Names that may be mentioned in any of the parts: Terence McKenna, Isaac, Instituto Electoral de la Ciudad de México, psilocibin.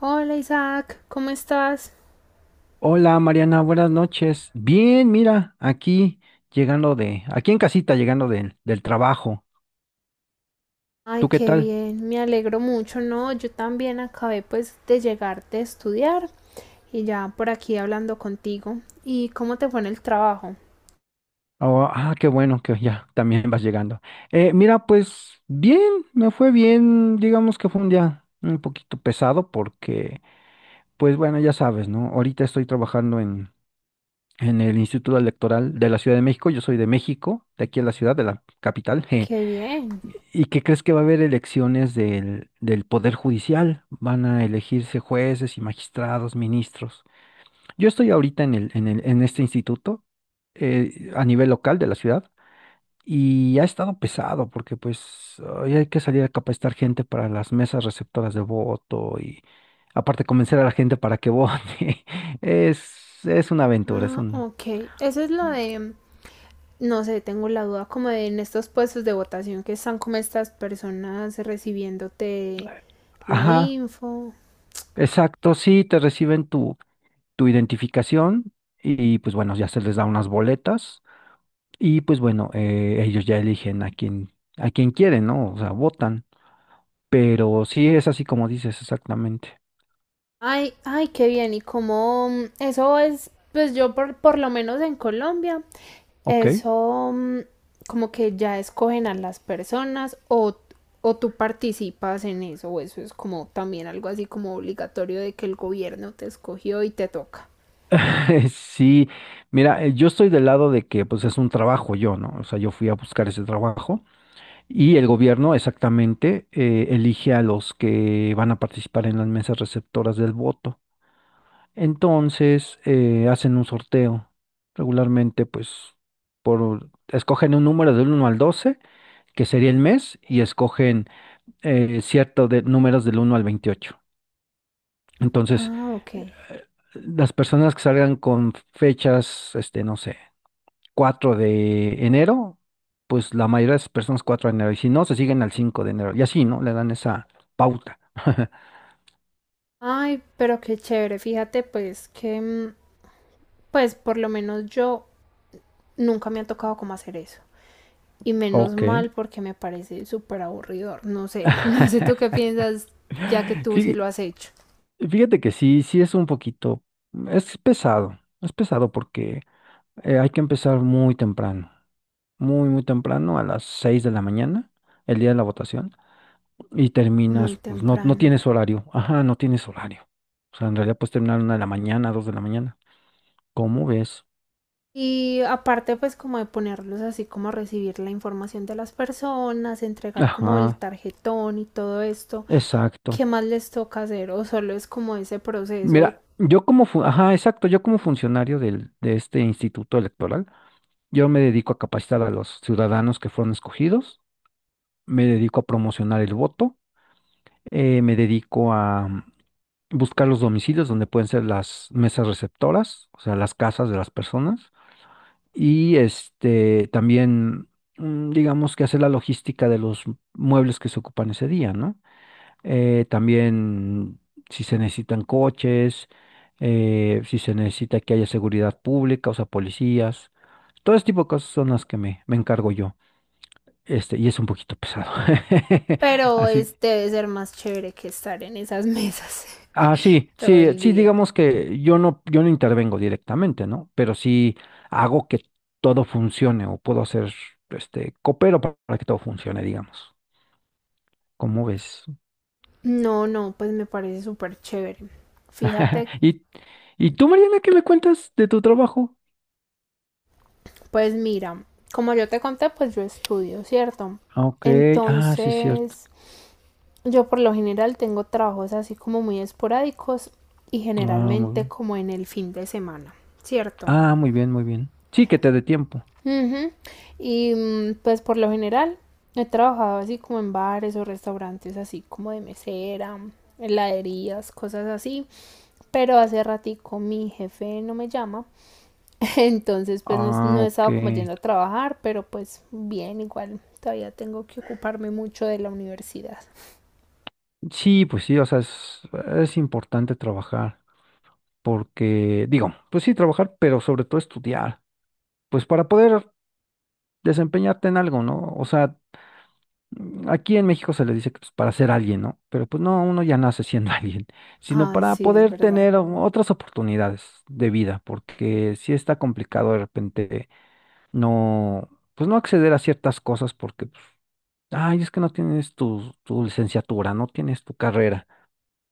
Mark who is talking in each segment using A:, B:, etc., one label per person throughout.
A: Hola Isaac, ¿cómo estás?
B: Hola Mariana, buenas noches. Bien, mira, aquí llegando de, aquí en casita, llegando del trabajo.
A: Ay,
B: ¿Tú qué
A: qué
B: tal?
A: bien, me alegro mucho, ¿no? Yo también acabé pues de llegar de estudiar y ya por aquí hablando contigo. ¿Y cómo te fue en el trabajo?
B: Oh, ah, qué bueno que ya también vas llegando. Mira, pues bien, me fue bien. Digamos que fue un día un poquito pesado porque, pues bueno, ya sabes, ¿no? Ahorita estoy trabajando en el Instituto Electoral de la Ciudad de México. Yo soy de México, de aquí en la ciudad, de la capital.
A: Qué bien.
B: ¿Y qué crees que va a haber elecciones del Poder Judicial? Van a elegirse jueces y magistrados, ministros. Yo estoy ahorita en este instituto, a nivel local de la ciudad, y ha estado pesado porque pues hoy hay que salir a capacitar gente para las mesas receptoras de voto y aparte convencer a la gente para que vote. Es una aventura, es
A: Ah,
B: un...
A: ok. Eso es lo de, no sé, tengo la duda como de en estos puestos de votación que están como estas personas recibiéndote la
B: Ajá,
A: info.
B: exacto, sí, te reciben tu identificación y pues bueno, ya se les da unas boletas y pues bueno, ellos ya eligen a quién quieren, ¿no? O sea, votan. Pero sí es así como dices, exactamente.
A: Ay, ay, qué bien. Y como eso es, pues yo por lo menos en Colombia.
B: Ok.
A: Eso como que ya escogen a las personas, o tú participas en eso, o eso es como también algo así como obligatorio de que el gobierno te escogió y te toca.
B: Sí, mira, yo estoy del lado de que pues es un trabajo yo, ¿no? O sea, yo fui a buscar ese trabajo y el gobierno exactamente elige a los que van a participar en las mesas receptoras del voto. Entonces hacen un sorteo. Regularmente, pues, por escogen un número del uno al 12, que sería el mes, y escogen cierto de números del uno al 28. Entonces,
A: Ah, ok.
B: eh, las personas que salgan con fechas, este, no sé, 4 de enero, pues la mayoría de esas personas 4 de enero, y si no, se siguen al 5 de enero, y así, ¿no? Le dan esa pauta.
A: Ay, pero qué chévere, fíjate pues que pues por lo menos yo nunca me ha tocado como hacer eso. Y menos
B: Ok.
A: mal porque me parece súper aburridor. No sé, no sé tú qué piensas ya que tú sí
B: Fí-
A: lo has hecho.
B: Fíjate que sí, sí es un poquito, es pesado porque hay que empezar muy temprano, muy, muy temprano, a las 6 de la mañana, el día de la votación, y
A: Muy
B: terminas, pues no, no
A: temprano.
B: tienes horario, ajá, no tienes horario. O sea, en realidad puedes terminar 1 de la mañana, 2 de la mañana. ¿Cómo ves?
A: Y aparte, pues como de ponerlos así como a recibir la información de las personas, entregar como el
B: Ajá,
A: tarjetón y todo esto,
B: exacto.
A: ¿qué más les toca hacer? O solo es como ese proceso,
B: Mira, yo como, ajá, exacto, yo como funcionario del, de este instituto electoral, yo me dedico a capacitar a los ciudadanos que fueron escogidos, me dedico a promocionar el voto. Me dedico a buscar los domicilios donde pueden ser las mesas receptoras, o sea, las casas de las personas. Y este también, digamos que hacer la logística de los muebles que se ocupan ese día, ¿no? También si se necesitan coches, si se necesita que haya seguridad pública, o sea, policías. Todo ese tipo de cosas son las que me encargo yo. Este, y es un poquito pesado.
A: pero
B: Así.
A: es, debe ser más chévere que estar en esas mesas
B: Ah, sí,
A: todo
B: sí,
A: el
B: sí,
A: día.
B: digamos que yo no, yo no intervengo directamente, ¿no? Pero sí hago que todo funcione o puedo hacer, este, coopero para que todo funcione, digamos. ¿Cómo ves?
A: No, no, pues me parece súper chévere. Fíjate,
B: ¿Y, y tú, Mariana, ¿qué me cuentas de tu trabajo?
A: pues mira, como yo te conté, pues yo estudio, ¿cierto?
B: Ah, ok, ah, sí, cierto.
A: Entonces, yo por lo general tengo trabajos así como muy esporádicos y
B: Ah, muy
A: generalmente
B: bien.
A: como en el fin de semana, ¿cierto?
B: Ah, muy bien, muy bien. Sí, que te dé tiempo.
A: Ujú. Y pues por lo general he trabajado así como en bares o restaurantes así como de mesera, heladerías, cosas así, pero hace ratico mi jefe no me llama, entonces pues no,
B: Ah,
A: no he
B: ok.
A: estado como yendo a trabajar, pero pues bien, igual todavía tengo que ocuparme mucho de la universidad.
B: Sí, pues sí, o sea, es importante trabajar porque, digo, pues sí, trabajar, pero sobre todo estudiar. Pues para poder desempeñarte en algo, ¿no? O sea, aquí en México se le dice que pues, para ser alguien, ¿no? Pero pues no, uno ya nace siendo alguien, sino
A: Ah,
B: para
A: sí, es
B: poder
A: verdad.
B: tener otras oportunidades de vida, porque sí está complicado de repente no, pues no acceder a ciertas cosas porque, pues, ay, es que no tienes tu licenciatura, no tienes tu carrera.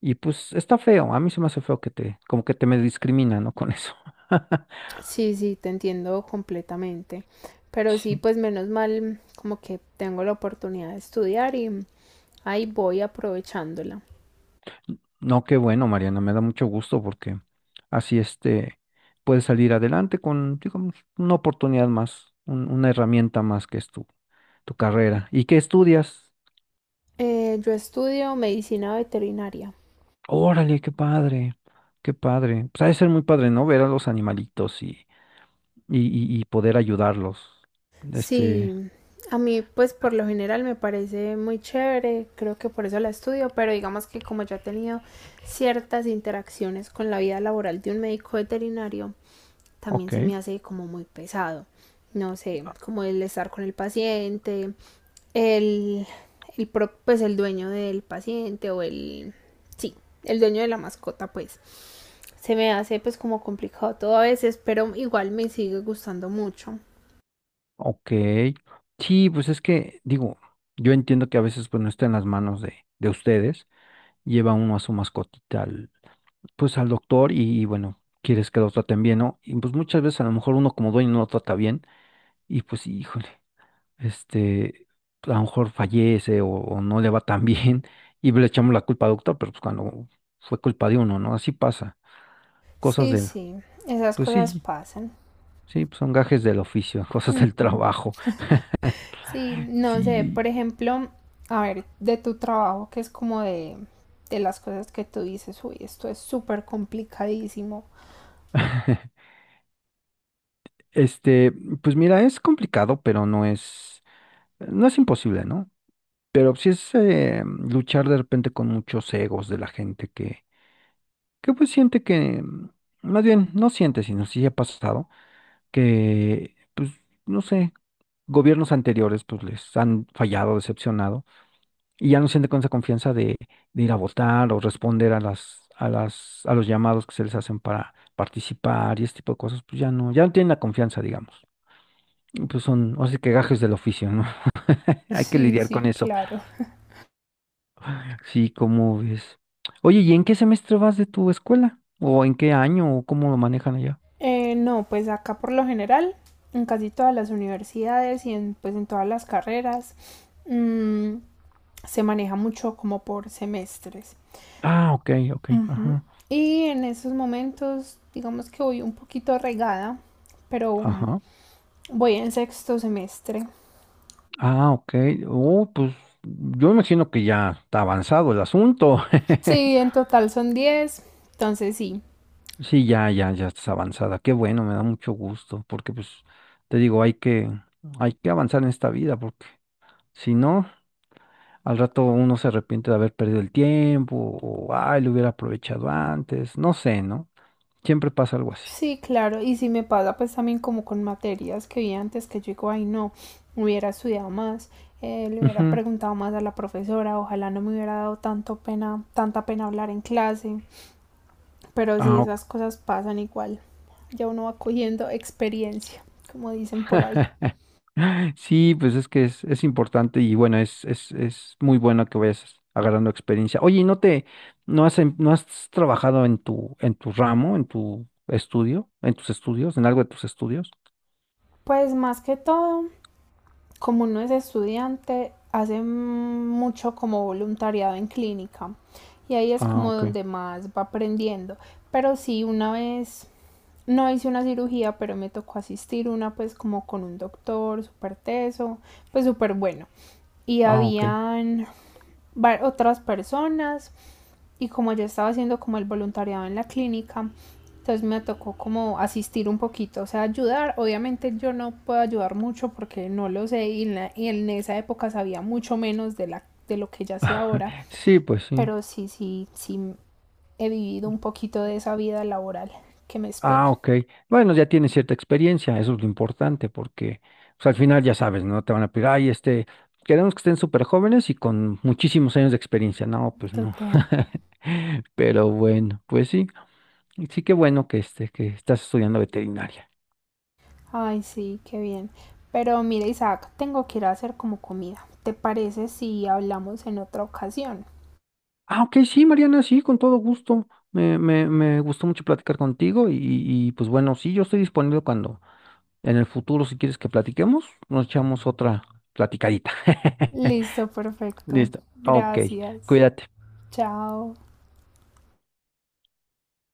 B: Y pues está feo, a mí se me hace feo que te, como que te me discrimina, ¿no? Con eso.
A: Sí, sí, te entiendo completamente. Pero sí,
B: Sí.
A: pues menos mal, como que tengo la oportunidad de estudiar y ahí voy aprovechándola.
B: No, qué bueno, Mariana, me da mucho gusto porque así este puedes salir adelante con, digamos, una oportunidad más, una herramienta más que es tu, tu carrera. ¿Y qué estudias?
A: Yo estudio medicina veterinaria.
B: Órale, qué padre, qué padre. Pues ha de ser muy padre, ¿no? Ver a los animalitos y, y poder ayudarlos.
A: Sí,
B: Este,
A: a mí pues por lo general me parece muy chévere, creo que por eso la estudio, pero digamos que como yo he tenido ciertas interacciones con la vida laboral de un médico veterinario, también
B: ok,
A: se me hace como muy pesado. No sé,
B: ah,
A: como el estar con el paciente, el, el pues el dueño del paciente, o el, sí, el dueño de la mascota, pues se me hace pues como complicado todo a veces, pero igual me sigue gustando mucho.
B: ok. Sí, pues es que, digo, yo entiendo que a veces pues no está en las manos de ustedes. Lleva uno a su mascotita pues al doctor y, bueno, quieres que lo traten bien, ¿no? Y pues muchas veces a lo mejor uno como dueño no lo trata bien y pues híjole, este, a lo mejor fallece o no le va tan bien y le echamos la culpa al doctor, pero pues cuando fue culpa de uno, ¿no? Así pasa, cosas
A: Sí,
B: del,
A: sí, esas
B: pues
A: cosas
B: sí,
A: pasan.
B: sí, pues, son gajes del oficio, cosas del
A: Ujú.
B: trabajo,
A: Sí, no sé,
B: sí.
A: por ejemplo, a ver, de tu trabajo, que es como de las cosas que tú dices, uy, esto es súper complicadísimo.
B: Este, pues mira, es complicado, pero no es imposible, ¿no? Pero sí es luchar de repente con muchos egos de la gente que pues siente que, más bien, no siente, sino sí ha pasado, que pues no sé, gobiernos anteriores pues les han fallado, decepcionado, y ya no siente con esa confianza de ir a votar o responder a los llamados que se les hacen para participar y este tipo de cosas, pues ya no, tienen la confianza, digamos. Y pues son, así que gajes del oficio, ¿no? Hay que
A: Sí,
B: lidiar
A: sí,
B: con eso.
A: claro.
B: Sí, ¿cómo ves? Oye, ¿y en qué semestre vas de tu escuela? ¿O en qué año? ¿O cómo lo manejan allá?
A: No, pues acá por lo general, en casi todas las universidades y en, pues en todas las carreras, mm, se maneja mucho como por semestres.
B: Ah, ok, ok,
A: Ujú.
B: ajá,
A: Y en esos momentos, digamos que voy un poquito regada, pero
B: ajá.
A: voy en sexto semestre.
B: Ah, ok. Oh, pues yo imagino que ya está avanzado el asunto.
A: Sí, en total son 10, entonces sí.
B: Sí, ya, ya, ya estás avanzada. Qué bueno, me da mucho gusto, porque pues te digo, hay que avanzar en esta vida, porque si no, al rato uno se arrepiente de haber perdido el tiempo, o ay, lo hubiera aprovechado antes, no sé, ¿no? Siempre pasa algo así.
A: Sí, claro, y si me pasa pues también como con materias que vi antes, que yo digo, ay no, hubiera estudiado más, le hubiera preguntado más a la profesora, ojalá no me hubiera dado tanto pena, tanta pena hablar en clase, pero sí,
B: Ah,
A: esas
B: ok.
A: cosas pasan igual, ya uno va cogiendo experiencia, como dicen por ahí.
B: Sí, pues es que es importante y bueno, es muy bueno que vayas agarrando experiencia. Oye, ¿y no te, no has, no has trabajado en tu ramo, en tu estudio, en tus estudios, en algo de tus estudios?
A: Pues más que todo, como uno es estudiante, hace mucho como voluntariado en clínica y ahí es
B: Ah,
A: como
B: ok.
A: donde más va aprendiendo, pero sí, una vez no hice una cirugía, pero me tocó asistir una pues como con un doctor súper teso, pues súper bueno. Y
B: Ah, ok.
A: habían otras personas y como yo estaba haciendo como el voluntariado en la clínica, entonces me tocó como asistir un poquito, o sea, ayudar. Obviamente yo no puedo ayudar mucho porque no lo sé y en, la, y en esa época sabía mucho menos de lo que ya sé ahora,
B: Sí, pues sí.
A: pero sí, sí, sí he vivido un poquito de esa vida laboral que me espera.
B: Ah, ok. Bueno, ya tienes cierta experiencia, eso es lo importante, porque pues, al final ya sabes, ¿no? Te van a pedir, ay, este, queremos que estén súper jóvenes y con muchísimos años de experiencia. No, pues no.
A: Total.
B: Pero bueno, pues sí, sí que bueno que, este, que estás estudiando veterinaria.
A: Ay, sí, qué bien. Pero mira, Isaac, tengo que ir a hacer como comida. ¿Te parece si hablamos en otra ocasión?
B: Ah, ok, sí, Mariana, sí, con todo gusto. Me gustó mucho platicar contigo y pues bueno, sí, yo estoy disponible cuando en el futuro, si quieres que platiquemos, nos echamos otra platicadita.
A: Listo, perfecto.
B: Listo, ok,
A: Gracias.
B: cuídate.
A: Chao.